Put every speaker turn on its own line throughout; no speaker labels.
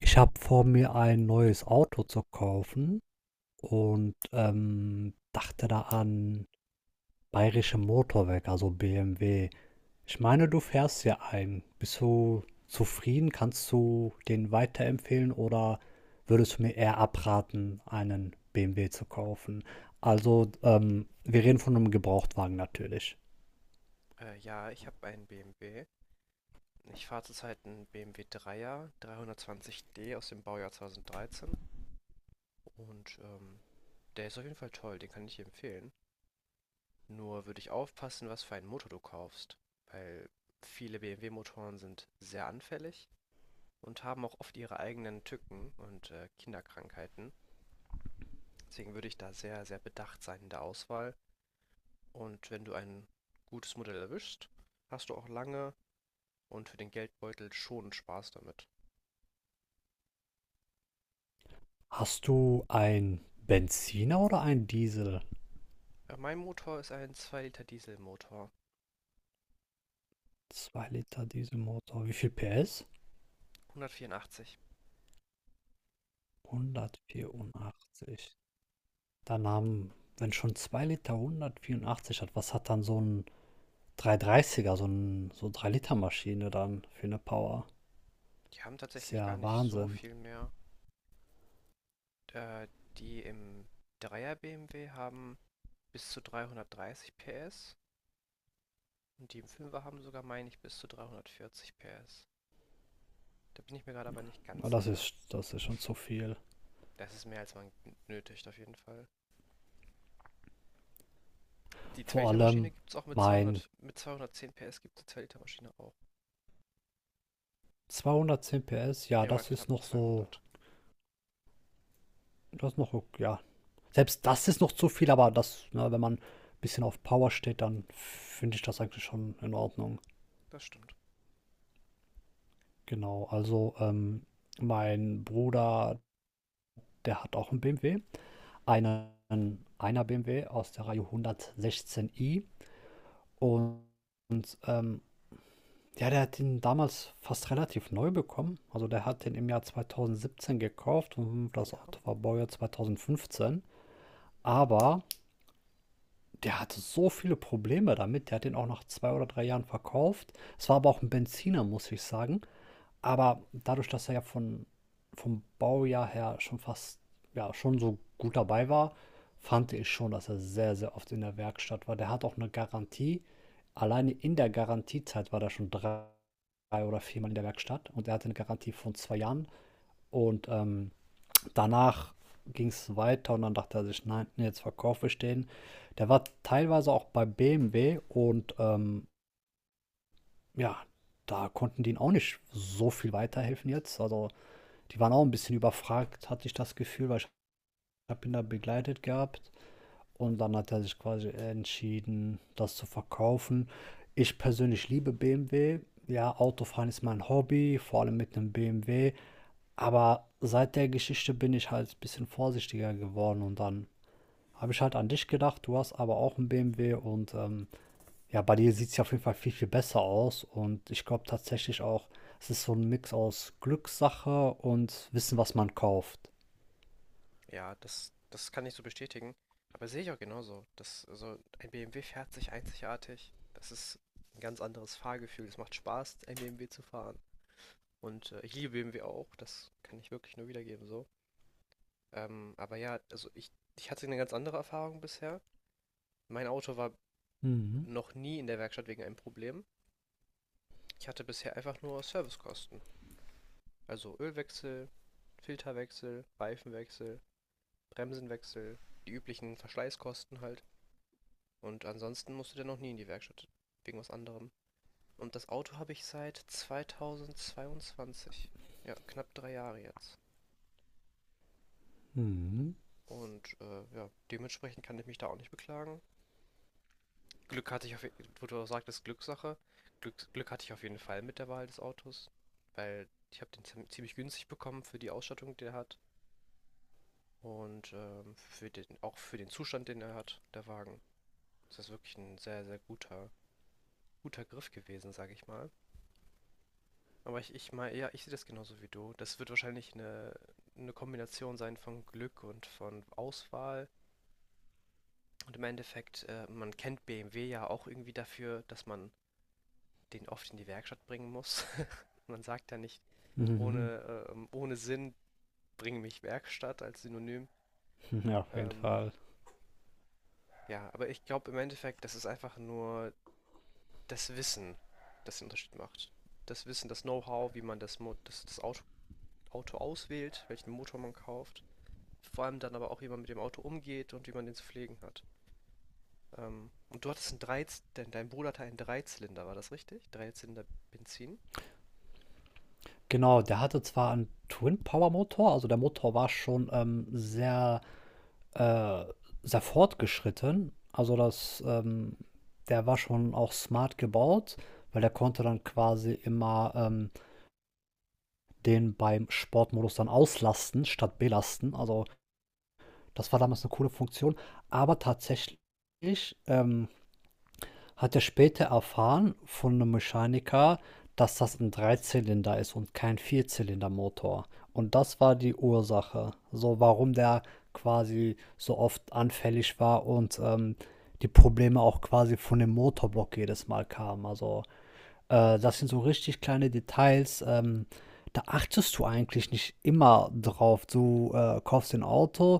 Ich habe vor, mir ein neues Auto zu kaufen und, dachte da an Bayerische Motorwerk, also BMW. Ich meine, du fährst ja einen. Bist du zufrieden? Kannst du den weiterempfehlen oder würdest du mir eher abraten, einen BMW zu kaufen? Also, wir reden von einem Gebrauchtwagen natürlich.
Ja, ich habe einen BMW. Ich fahre zurzeit einen BMW 3er, 320d aus dem Baujahr 2013. Und der ist auf jeden Fall toll, den kann ich dir empfehlen. Nur würde ich aufpassen, was für einen Motor du kaufst. Weil viele BMW-Motoren sind sehr anfällig und haben auch oft ihre eigenen Tücken und Kinderkrankheiten. Deswegen würde ich da sehr, sehr bedacht sein in der Auswahl. Und wenn du ein gutes Modell erwischst, hast du auch lange und für den Geldbeutel schon Spaß damit.
Hast du einen Benziner oder einen Diesel?
Mein Motor ist ein 2 Liter Dieselmotor.
Zwei Liter Dieselmotor. Wie viel PS?
184.
184. Dann haben, wenn schon 2 Liter 184 hat, was hat dann so ein 330, so ein so 3 Liter Maschine dann für eine Power?
Die haben
Ist
tatsächlich gar
ja
nicht so
Wahnsinn.
viel mehr. Äh, Die im 3er BMW haben bis zu 330 PS und die im Fünfer haben sogar, meine ich, bis zu 340 PS. Da bin ich mir gerade aber nicht
Aber
ganz
Das
sicher.
ist, das ist schon zu viel.
Das ist mehr, als man nötigt, auf jeden Fall. Die
Vor
2-Liter-Maschine
allem
gibt es auch mit
mein
200, mit 210 PS gibt es die 2-Liter-Maschine auch.
210 PS, ja,
Ja, oder
das ist
knappen
noch so,
200.
das ist noch, ja, selbst das ist noch zu viel, aber das, ne, wenn man ein bisschen auf Power steht, dann finde ich das eigentlich schon in Ordnung.
Das stimmt.
Genau, also mein Bruder, der hat auch einen BMW. Einer BMW aus der Reihe 116i. Und, und ja, der hat den damals fast relativ neu bekommen. Also der hat den im Jahr 2017 gekauft und das
Ja.
Auto war Baujahr 2015. Aber der hatte so viele Probleme damit. Der hat den auch nach zwei oder drei Jahren verkauft. Es war aber auch ein Benziner, muss ich sagen. Aber dadurch, dass er ja vom Baujahr her schon fast, ja, schon so gut dabei war, fand ich schon, dass er sehr, sehr oft in der Werkstatt war. Der hat auch eine Garantie. Alleine in der Garantiezeit war der schon drei oder viermal in der Werkstatt und er hatte eine Garantie von zwei Jahren. Und danach ging es weiter und dann dachte er sich, nein, nee, jetzt verkaufe ich den. Der war teilweise auch bei BMW und ja, da konnten die ihn auch nicht so viel weiterhelfen jetzt. Also die waren auch ein bisschen überfragt, hatte ich das Gefühl, weil ich habe ihn da begleitet gehabt. Und dann hat er sich quasi entschieden, das zu verkaufen. Ich persönlich liebe BMW. Ja, Autofahren ist mein Hobby, vor allem mit einem BMW. Aber seit der Geschichte bin ich halt ein bisschen vorsichtiger geworden und dann habe ich halt an dich gedacht. Du hast aber auch einen BMW und ja, bei dir sieht es ja auf jeden Fall viel, viel besser aus. Und ich glaube tatsächlich auch, es ist so ein Mix aus Glückssache und Wissen, was man kauft.
Ja, das kann ich so bestätigen. Aber sehe ich auch genauso. Also ein BMW fährt sich einzigartig. Das ist ein ganz anderes Fahrgefühl. Es macht Spaß, ein BMW zu fahren. Und ich liebe BMW auch. Das kann ich wirklich nur wiedergeben so. Aber ja, also ich hatte eine ganz andere Erfahrung bisher. Mein Auto war
Mhm.
noch nie in der Werkstatt wegen einem Problem. Ich hatte bisher einfach nur Servicekosten. Also Ölwechsel, Filterwechsel, Reifenwechsel, Bremsenwechsel, die üblichen Verschleißkosten halt. Und ansonsten musste der noch nie in die Werkstatt. Wegen was anderem. Und das Auto habe ich seit 2022. Ja, knapp 3 Jahre jetzt.
Mhm.
Und ja, dementsprechend kann ich mich da auch nicht beklagen. Glück hatte ich auf, je- Wo du auch sagtest, Glückssache. Glück hatte ich auf jeden Fall mit der Wahl des Autos, weil ich habe den ziemlich günstig bekommen für die Ausstattung, die er hat und für auch für den Zustand, den er hat, der Wagen. Das ist wirklich ein sehr, sehr guter, Griff gewesen, sage ich mal. Aber ich meine, ja, ich sehe das genauso wie du. Das wird wahrscheinlich eine Kombination sein von Glück und von Auswahl. Und im Endeffekt, man kennt BMW ja auch irgendwie dafür, dass man den oft in die Werkstatt bringen muss. Man sagt ja nicht,
Mhm.
ohne Sinn, bring mich Werkstatt als Synonym.
Ja, auf jeden
Ähm,
Fall.
ja, aber ich glaube im Endeffekt, das ist einfach nur das Wissen, das den Unterschied macht. Das Wissen, das Know-how, wie man das Auto auswählt, welchen Motor man kauft. Vor allem dann aber auch, wie man mit dem Auto umgeht und wie man den zu pflegen hat. Und du hattest einen dein Bruder hatte einen Dreizylinder, war das richtig? Dreizylinder Benzin?
Genau, der hatte zwar einen Twin-Power-Motor, also der Motor war schon sehr, äh, sehr fortgeschritten. Also der war schon auch smart gebaut, weil der konnte dann quasi immer den beim Sportmodus dann auslasten statt belasten. Also das war damals eine coole Funktion. Aber tatsächlich ähm, hat er später erfahren von 'nem Mechaniker, dass das ein Dreizylinder ist und kein Vierzylindermotor. Und das war die Ursache, so warum der quasi so oft anfällig war und, die Probleme auch quasi von dem Motorblock jedes Mal kamen. Also, das sind so richtig kleine Details. Da achtest du eigentlich nicht immer drauf. Du kaufst ein Auto,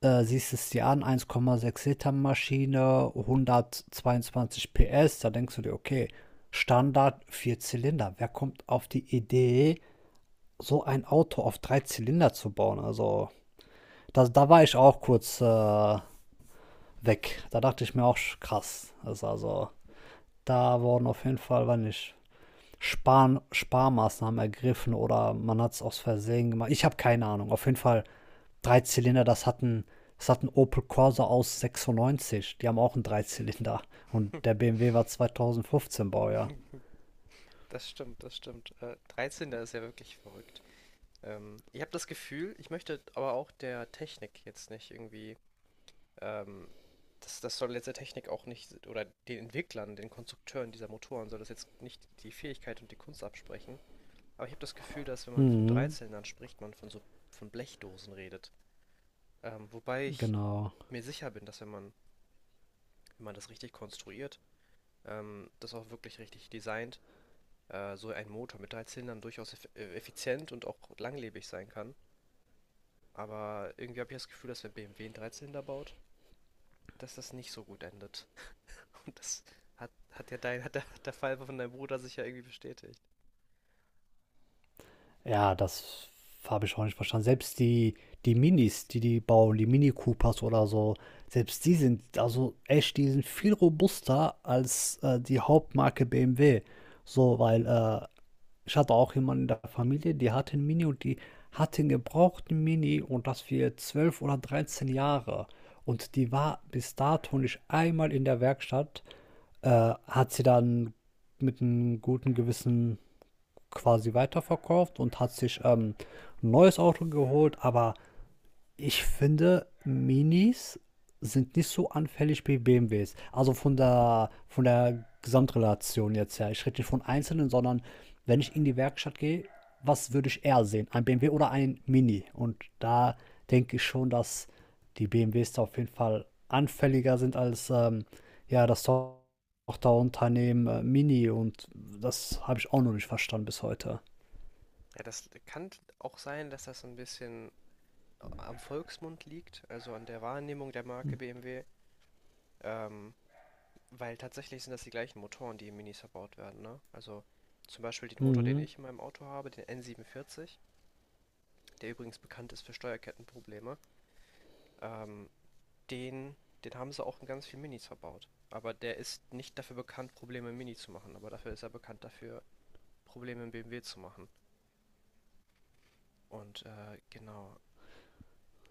siehst es dir an, 1,6 Liter Maschine, 122 PS. Da denkst du dir, okay, Standard vier Zylinder. Wer kommt auf die Idee, so ein Auto auf drei Zylinder zu bauen? Also, da war ich auch kurz weg. Da dachte ich mir auch krass. Das also, da wurden auf jeden Fall, war nicht Sparmaßnahmen ergriffen oder man hat es aus Versehen gemacht. Ich habe keine Ahnung. Auf jeden Fall drei Zylinder, das hat ein Opel Corsa aus 96. Die haben auch einen Dreizylinder. Und der BMW war 2015 Baujahr.
Das stimmt, das stimmt. 13, ist ja wirklich verrückt. Ich habe das Gefühl, ich möchte aber auch der Technik jetzt nicht irgendwie, ähm, das soll jetzt der Technik auch nicht, oder den Entwicklern, den Konstrukteuren dieser Motoren soll das jetzt nicht die Fähigkeit und die Kunst absprechen. Aber ich habe das Gefühl, dass wenn man von
Mhm,
Dreizylindern spricht, man von so von Blechdosen redet. Wobei ich
genau.
mir sicher bin, dass wenn man das richtig konstruiert, das auch wirklich richtig designt, so ein Motor mit drei Zylindern durchaus effizient und auch langlebig sein kann. Aber irgendwie habe ich das Gefühl, dass wenn BMW einen Dreizylinder baut, dass das nicht so gut endet. Und das hat ja dein, hat der Fall von deinem Bruder sich ja irgendwie bestätigt.
Ja, das habe ich auch nicht verstanden. Selbst die Minis, die die bauen, die Mini Coopers oder so, selbst die sind, also echt, die sind viel robuster als die Hauptmarke BMW. So. Weil Ich hatte auch jemanden in der Familie, die hatte 'n Mini und die hatte 'n gebrauchten Mini und das für 12 oder 13 Jahre. Und die war bis dato nicht einmal in der Werkstatt, äh, hat sie dann mit einem guten Gewissen quasi weiterverkauft und hat sich, 'n neues Auto geholt, aber ich finde, Minis sind nicht so anfällig wie BMWs. Also von der Gesamtrelation jetzt her. Ich rede nicht von einzelnen, sondern wenn ich in die Werkstatt gehe, was würde ich eher sehen? Ein BMW oder ein Mini? Und da denke ich schon, dass die BMWs da auf jeden Fall anfälliger sind als ja, das Tochterunternehmen Mini. Und das habe ich auch noch nicht verstanden bis heute.
Ja, das kann auch sein, dass das ein bisschen am Volksmund liegt, also an der Wahrnehmung der Marke BMW. Ähm, Weil tatsächlich sind das die gleichen Motoren, die in Minis verbaut werden, ne? Also zum Beispiel den Motor, den
Mhm.
ich in meinem Auto habe, den N47, der übrigens bekannt ist für Steuerkettenprobleme, ähm, den, den haben sie auch in ganz vielen Minis verbaut. Aber der ist nicht dafür bekannt, Probleme im Mini zu machen, aber dafür ist er bekannt dafür, Probleme im BMW zu machen. Und genau.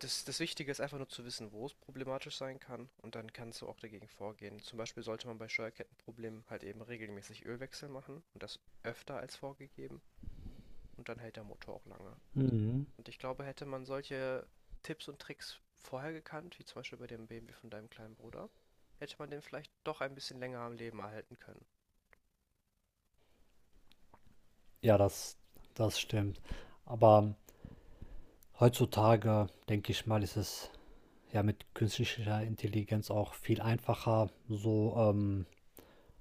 Das Wichtige ist einfach nur zu wissen, wo es problematisch sein kann und dann kannst du auch dagegen vorgehen. Zum Beispiel sollte man bei Steuerkettenproblemen halt eben regelmäßig Ölwechsel machen und das öfter als vorgegeben. Und dann hält der Motor auch lange.
Mhm.
Und ich glaube, hätte man solche Tipps und Tricks vorher gekannt, wie zum Beispiel bei dem BMW von deinem kleinen Bruder, hätte man den vielleicht doch ein bisschen länger am Leben erhalten können.
Ja, das stimmt. Aber heutzutage, denke ich mal, ist es ja mit künstlicher Intelligenz auch viel einfacher, so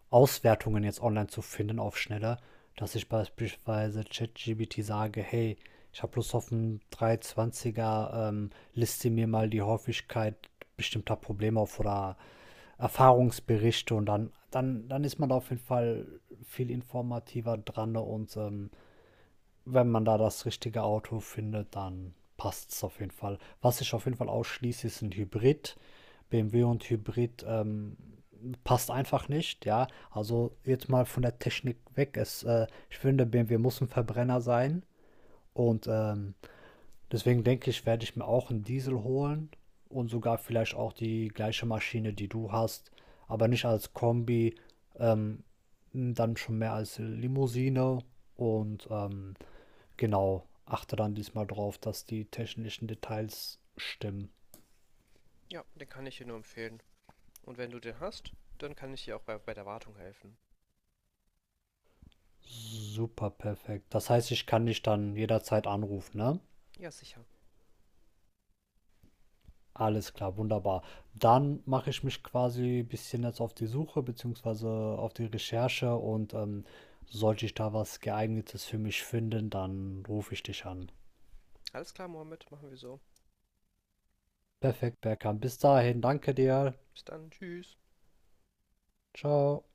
Auswertungen jetzt online zu finden auf schneller, dass ich beispielsweise ChatGPT sage, hey, ich habe Lust auf einen 320er, liste mir mal die Häufigkeit bestimmter Probleme auf oder Erfahrungsberichte und dann ist man da auf jeden Fall viel informativer dran ne, und wenn man da das richtige Auto findet, dann passt es auf jeden Fall. Was ich auf jeden Fall ausschließe, ist ein Hybrid. BMW und Hybrid passt einfach nicht, ja. Also jetzt mal von der Technik weg. Ich finde, BMW muss ein Verbrenner sein. Und deswegen denke ich, werde ich mir auch einen Diesel holen und sogar vielleicht auch die gleiche Maschine, die du hast, aber nicht als Kombi, ähm, dann schon mehr als Limousine und genau, achte dann diesmal drauf, dass die technischen Details stimmen.
Ja, den kann ich dir nur empfehlen. Und wenn du den hast, dann kann ich dir auch bei der Wartung helfen.
Super perfekt. Das heißt, ich kann dich dann jederzeit anrufen, ne?
Ja, sicher.
Alles klar, wunderbar. Dann mache ich mich quasi ein bisschen jetzt auf die Suche beziehungsweise auf die Recherche und sollte ich da was Geeignetes für mich finden, dann rufe ich dich an.
Alles klar, Mohammed, machen wir so.
Perfekt, Berkan. Bis dahin, danke dir.
Bis dann, tschüss.
Ciao.